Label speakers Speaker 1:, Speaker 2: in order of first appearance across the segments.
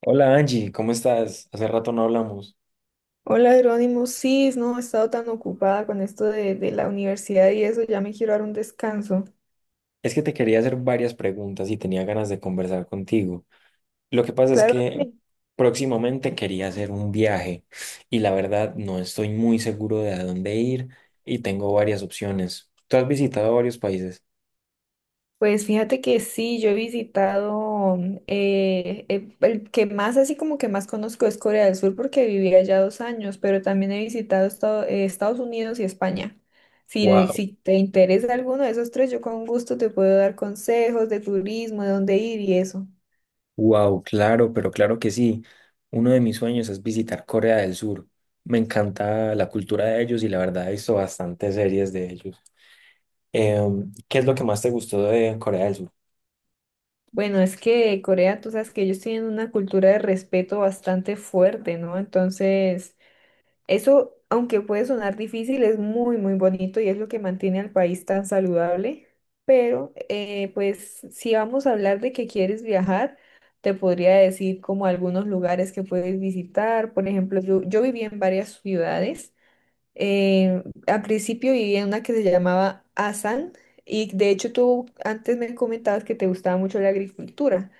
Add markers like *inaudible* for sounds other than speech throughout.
Speaker 1: Hola Angie, ¿cómo estás? Hace rato no hablamos.
Speaker 2: Hola Jerónimo, sí, no, he estado tan ocupada con esto de la universidad y eso, ya me quiero dar un descanso.
Speaker 1: Es que te quería hacer varias preguntas y tenía ganas de conversar contigo. Lo que pasa es
Speaker 2: Claro,
Speaker 1: que
Speaker 2: dime.
Speaker 1: próximamente quería hacer un viaje y la verdad no estoy muy seguro de a dónde ir y tengo varias opciones. ¿Tú has visitado varios países?
Speaker 2: Pues fíjate que sí, yo he visitado, el que más así como que más conozco es Corea del Sur porque viví allá dos años, pero también he visitado Estados Unidos y España. Si,
Speaker 1: Wow,
Speaker 2: si te interesa alguno de esos tres, yo con gusto te puedo dar consejos de turismo, de dónde ir y eso.
Speaker 1: wow, claro, pero claro que sí. Uno de mis sueños es visitar Corea del Sur. Me encanta la cultura de ellos y la verdad he visto bastantes series de ellos. ¿Qué es lo que más te gustó de Corea del Sur?
Speaker 2: Bueno, es que Corea, tú sabes que ellos tienen una cultura de respeto bastante fuerte, ¿no? Entonces, eso, aunque puede sonar difícil, es muy, muy bonito y es lo que mantiene al país tan saludable. Pero, si vamos a hablar de que quieres viajar, te podría decir como algunos lugares que puedes visitar. Por ejemplo, yo viví en varias ciudades. Al principio viví en una que se llamaba Asan, y de hecho tú antes me comentabas que te gustaba mucho la agricultura.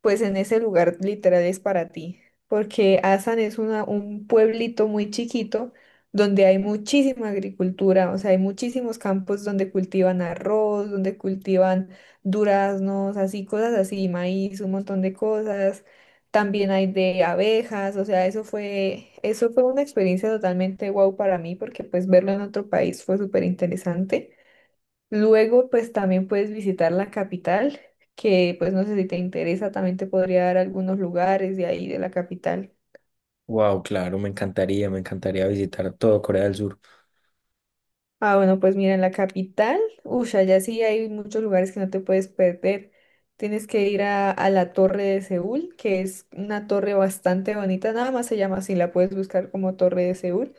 Speaker 2: Pues en ese lugar literal es para ti, porque Asan es un pueblito muy chiquito donde hay muchísima agricultura, o sea, hay muchísimos campos donde cultivan arroz, donde cultivan duraznos, así cosas así, maíz, un montón de cosas. También hay de abejas, o sea, eso fue una experiencia totalmente guau para mí, porque pues verlo en otro país fue súper interesante. Luego, pues también puedes visitar la capital, que pues no sé si te interesa, también te podría dar algunos lugares de ahí, de la capital.
Speaker 1: Wow, claro, me encantaría visitar todo Corea del Sur.
Speaker 2: Ah, bueno, pues mira, en la capital, uy, allá sí hay muchos lugares que no te puedes perder. Tienes que ir a la Torre de Seúl, que es una torre bastante bonita, nada más se llama así, la puedes buscar como Torre de Seúl,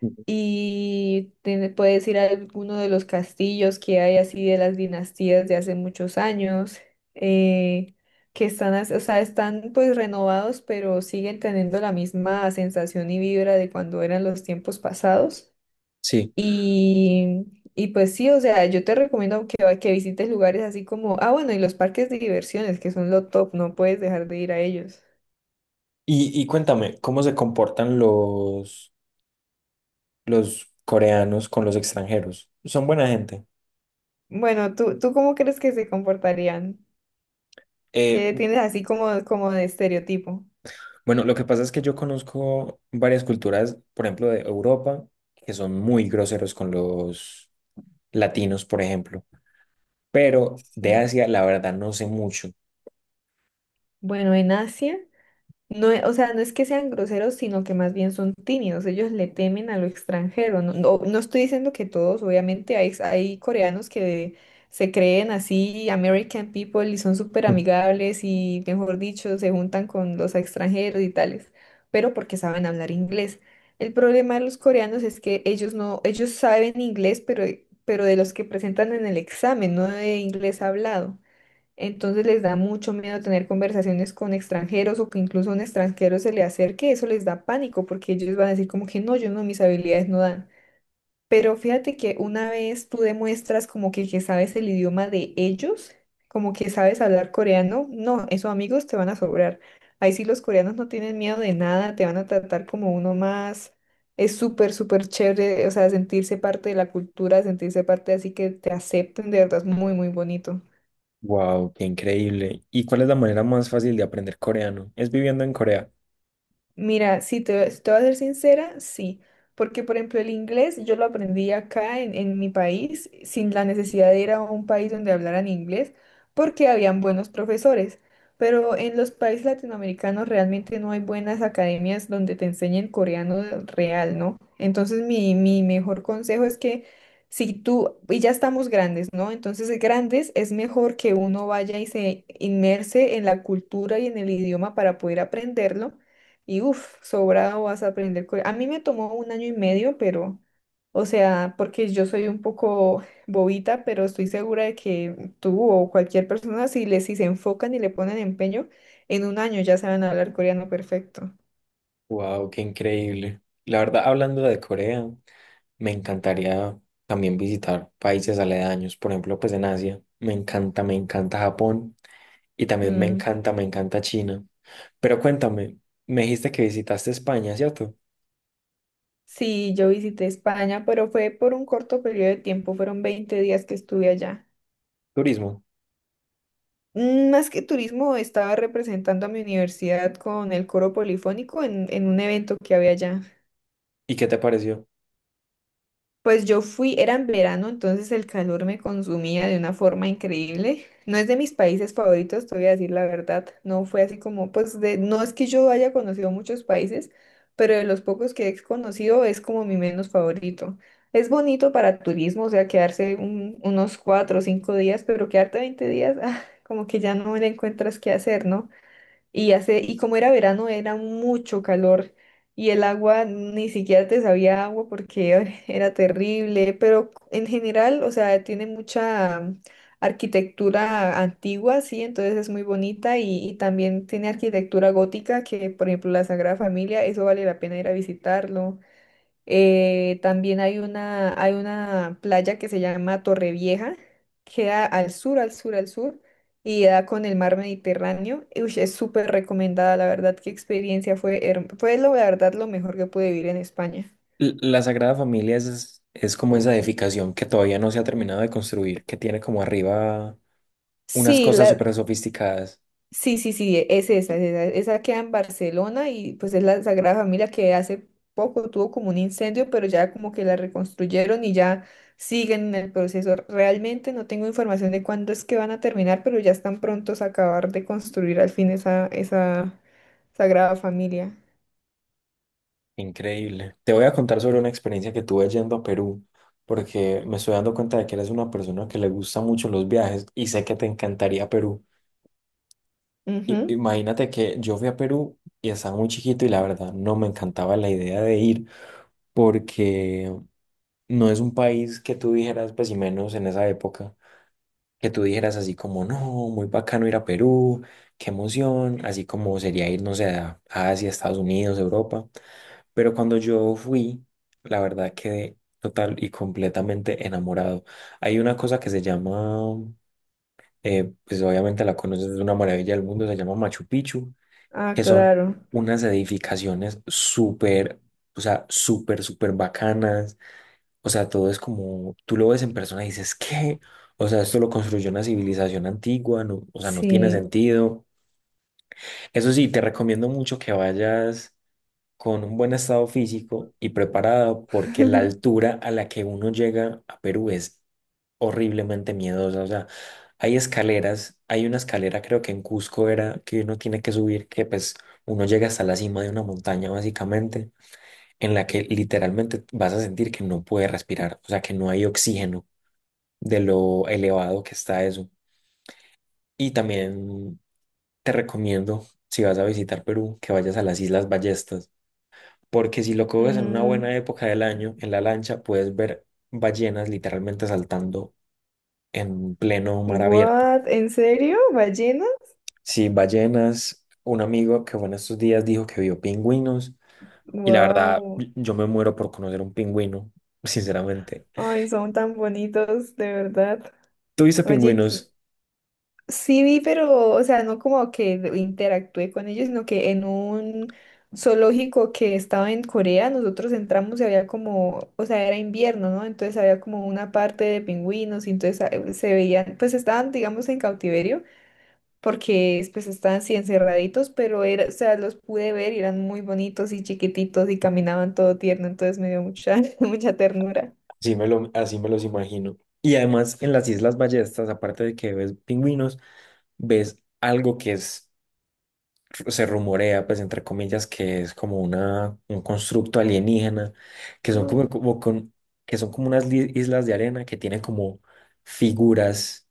Speaker 1: Ujú.
Speaker 2: y te puedes ir a alguno de los castillos que hay así de las dinastías de hace muchos años, eh, que están, o sea, están pues renovados, pero siguen teniendo la misma sensación y vibra de cuando eran los tiempos pasados.
Speaker 1: Sí.
Speaker 2: Y, y pues sí, o sea, yo te recomiendo que, que visites lugares así como, ah, bueno, y los parques de diversiones, que son lo top, no puedes dejar de ir a ellos.
Speaker 1: Y cuéntame, ¿cómo se comportan los coreanos con los extranjeros? ¿Son buena gente?
Speaker 2: Bueno, ¿ tú cómo crees que se comportarían?
Speaker 1: Eh,
Speaker 2: ¿Qué tienes así como, como de estereotipo?
Speaker 1: bueno, lo que pasa es que yo conozco varias culturas, por ejemplo, de Europa, que son muy groseros con los latinos, por ejemplo. Pero de
Speaker 2: Sí.
Speaker 1: Asia, la verdad, no sé mucho.
Speaker 2: Bueno, en Asia, no, o sea, no es que sean groseros, sino que más bien son tímidos. Ellos le temen a lo extranjero. No, no, no estoy diciendo que todos, obviamente, hay coreanos que se creen así, American people, y son súper amigables y, mejor dicho, se juntan con los extranjeros y tales, pero porque saben hablar inglés. El problema de los coreanos es que ellos no, ellos saben inglés, pero de los que presentan en el examen, no de inglés hablado. Entonces les da mucho miedo tener conversaciones con extranjeros o que incluso un extranjero se le acerque, eso les da pánico porque ellos van a decir como que no, yo no, mis habilidades no dan. Pero fíjate que una vez tú demuestras como que sabes el idioma de ellos, como que sabes hablar coreano, no, esos amigos te van a sobrar. Ahí sí los coreanos no tienen miedo de nada, te van a tratar como uno más. Es súper, súper chévere, o sea, sentirse parte de la cultura, sentirse parte así que te acepten, de verdad es muy, muy bonito.
Speaker 1: Wow, qué increíble. ¿Y cuál es la manera más fácil de aprender coreano? Es viviendo en Corea.
Speaker 2: Mira, si te voy a ser sincera, sí. Porque, por ejemplo, el inglés yo lo aprendí acá en mi país sin la necesidad de ir a un país donde hablaran inglés porque habían buenos profesores. Pero en los países latinoamericanos realmente no hay buenas academias donde te enseñen coreano real, ¿no? Entonces, mi mejor consejo es que si tú, y ya estamos grandes, ¿no? Entonces, grandes es mejor que uno vaya y se inmerse en la cultura y en el idioma para poder aprenderlo y uff, sobrado vas a aprender. A mí me tomó un año y medio, pero, o sea, porque yo soy un poco *laughs* bobita, pero estoy segura de que tú o cualquier persona, si se enfocan y le ponen empeño, en un año ya saben hablar coreano perfecto.
Speaker 1: Wow, qué increíble. La verdad, hablando de Corea, me encantaría también visitar países aledaños, por ejemplo, pues en Asia. Me encanta Japón y también
Speaker 2: Mm.
Speaker 1: me encanta China. Pero cuéntame, me dijiste que visitaste España, ¿cierto?
Speaker 2: Sí, yo visité España, pero fue por un corto periodo de tiempo, fueron 20 días que estuve allá.
Speaker 1: Turismo.
Speaker 2: Mm, más que turismo, estaba representando a mi universidad con el coro polifónico en un evento que había allá.
Speaker 1: ¿Y qué te pareció?
Speaker 2: Pues yo fui, era en verano, entonces el calor me consumía de una forma increíble. No es de mis países favoritos, te voy a decir la verdad. No fue así como, pues de, no es que yo haya conocido muchos países, pero de los pocos que he conocido es como mi menos favorito. Es bonito para turismo, o sea, quedarse unos 4 o 5 días, pero quedarte 20 días, *laughs* ah, como que ya no le encuentras qué hacer, ¿no? Y hace, y como era verano, era mucho calor y el agua ni siquiera te sabía a agua porque *laughs* ay, era terrible, pero en general, o sea, tiene mucha arquitectura antigua, sí, entonces es muy bonita y también tiene arquitectura gótica que, por ejemplo, la Sagrada Familia, eso vale la pena ir a visitarlo. También hay una playa que se llama Torrevieja, queda al sur, al sur, y da con el mar Mediterráneo. Y, ush, es súper recomendada, la verdad, qué experiencia fue, la verdad lo mejor que pude vivir en España.
Speaker 1: La Sagrada Familia es como esa edificación que todavía no se ha terminado de construir, que tiene como arriba unas
Speaker 2: Sí,
Speaker 1: cosas
Speaker 2: la.
Speaker 1: súper sofisticadas.
Speaker 2: Sí, sí, sí, es esa, esa queda en Barcelona y pues es la Sagrada Familia que hace poco tuvo como un incendio, pero ya como que la reconstruyeron y ya siguen en el proceso. Realmente no tengo información de cuándo es que van a terminar, pero ya están prontos a acabar de construir al fin esa Sagrada Familia.
Speaker 1: Increíble. Te voy a contar sobre una experiencia que tuve yendo a Perú, porque me estoy dando cuenta de que eres una persona que le gusta mucho los viajes y sé que te encantaría Perú.
Speaker 2: Ujú.
Speaker 1: Imagínate que yo fui a Perú y estaba muy chiquito y la verdad no me encantaba la idea de ir, porque no es un país que tú dijeras, pues y menos en esa época, que tú dijeras así como, no, muy bacano ir a Perú, qué emoción, así como sería ir, no sé, a Asia, Estados Unidos, Europa. Pero cuando yo fui, la verdad quedé total y completamente enamorado. Hay una cosa que se llama, pues obviamente la conoces, es una maravilla del mundo, se llama Machu Picchu,
Speaker 2: Ah,
Speaker 1: que son
Speaker 2: claro,
Speaker 1: unas edificaciones súper, o sea, súper, súper bacanas. O sea, todo es como, tú lo ves en persona y dices, ¿qué? O sea, esto lo construyó una civilización antigua, o sea, no tiene
Speaker 2: sí.
Speaker 1: sentido. Eso sí, te recomiendo mucho que vayas con un buen estado físico y preparado, porque la
Speaker 2: *laughs*
Speaker 1: altura a la que uno llega a Perú es horriblemente miedosa. O sea, hay escaleras, hay una escalera creo que en Cusco era que uno tiene que subir, que pues uno llega hasta la cima de una montaña básicamente, en la que literalmente vas a sentir que no puedes respirar, o sea, que no hay oxígeno de lo elevado que está eso. Y también te recomiendo, si vas a visitar Perú, que vayas a las Islas Ballestas, porque si lo coges en una
Speaker 2: Mm,
Speaker 1: buena época del año, en la lancha, puedes ver ballenas literalmente saltando en pleno mar abierto.
Speaker 2: What? ¿En serio? ¿Ballena?
Speaker 1: Sí, ballenas, un amigo que fue en estos días dijo que vio pingüinos y la verdad,
Speaker 2: Wow.
Speaker 1: yo me muero por conocer un pingüino, *laughs* sinceramente.
Speaker 2: Ay, son tan bonitos, de verdad.
Speaker 1: ¿Tuviste
Speaker 2: Oye, que
Speaker 1: pingüinos?
Speaker 2: sí vi, pero, o sea, no como que interactué con ellos, sino que en un zoológico que estaba en Corea, nosotros entramos y había como, o sea, era invierno, ¿no? Entonces había como una parte de pingüinos y entonces se veían, pues estaban, digamos, en cautiverio, porque pues estaban así encerraditos, pero era, o sea, los pude ver y eran muy bonitos y chiquititos y caminaban todo tierno, entonces me dio mucha, *laughs* mucha ternura.
Speaker 1: Así me lo, así me los imagino. Y además en las Islas Ballestas, aparte de que ves pingüinos, ves algo que es, se rumorea, pues entre comillas, que es como una, un constructo alienígena, que son como,
Speaker 2: *gasps*
Speaker 1: como con, que son como unas islas de arena que tienen como figuras,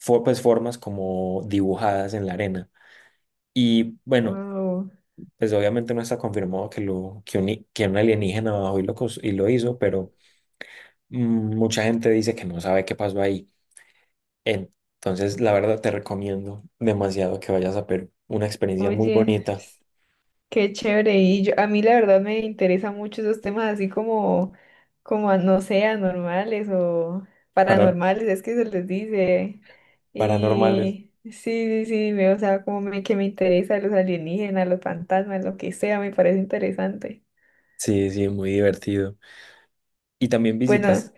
Speaker 1: pues formas como dibujadas en la arena. Y bueno,
Speaker 2: Wow.
Speaker 1: pues obviamente no está confirmado que, lo, que un alienígena bajó y lo, y lo hizo, pero mm, mucha gente dice que no sabe qué pasó ahí. Entonces, la verdad te recomiendo demasiado que vayas a ver una experiencia muy
Speaker 2: Oye.
Speaker 1: bonita
Speaker 2: Qué chévere. A mí la verdad me interesa mucho esos temas así como, no sé, anormales o
Speaker 1: para,
Speaker 2: paranormales, es que se les dice.
Speaker 1: paranormal.
Speaker 2: Y sí, sí, sí, o sea, que me interesa los alienígenas, los fantasmas, lo que sea, me parece interesante.
Speaker 1: Sí, sí, muy divertido. Y también visitas,
Speaker 2: Bueno,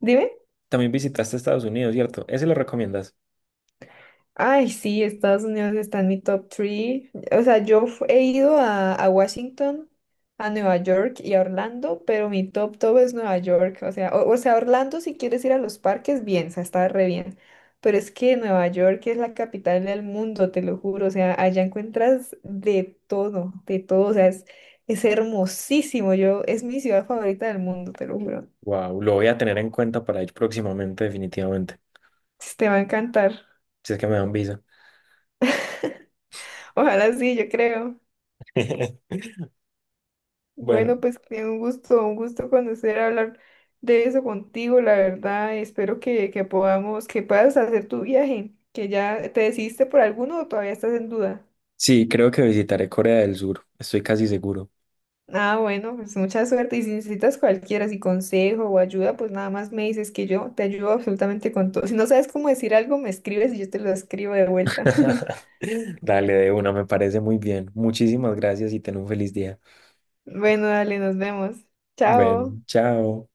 Speaker 2: dime.
Speaker 1: también visitaste Estados Unidos, ¿cierto? ¿Ese lo recomiendas?
Speaker 2: Ay, sí, Estados Unidos está en mi top 3. O sea, he ido a Washington, a Nueva York y a Orlando, pero mi top top es Nueva York. O sea, o sea, Orlando si quieres ir a los parques, bien, o sea, está re bien. Pero es que Nueva York es la capital del mundo, te lo juro. O sea, allá encuentras de todo, de todo. O sea, es hermosísimo. Yo, es mi ciudad favorita del mundo, te lo juro.
Speaker 1: Wow, lo voy a tener en cuenta para ir próximamente, definitivamente.
Speaker 2: Te va a encantar.
Speaker 1: Si es que me dan visa.
Speaker 2: Ojalá sí, yo creo.
Speaker 1: *laughs* Bueno,
Speaker 2: Bueno, pues que un gusto conocer, hablar de eso contigo, la verdad. Espero que podamos, que puedas hacer tu viaje, que ya te decidiste por alguno o todavía estás en duda.
Speaker 1: sí, creo que visitaré Corea del Sur, estoy casi seguro.
Speaker 2: Ah, bueno, pues mucha suerte y si necesitas cualquiera, si consejo o ayuda, pues nada más me dices que yo te ayudo absolutamente con todo. Si no sabes cómo decir algo, me escribes y yo te lo escribo de vuelta. *laughs*
Speaker 1: *laughs* Dale de una, me parece muy bien. Muchísimas gracias y ten un feliz día.
Speaker 2: Bueno, dale, nos vemos.
Speaker 1: Bueno,
Speaker 2: Chao.
Speaker 1: chao.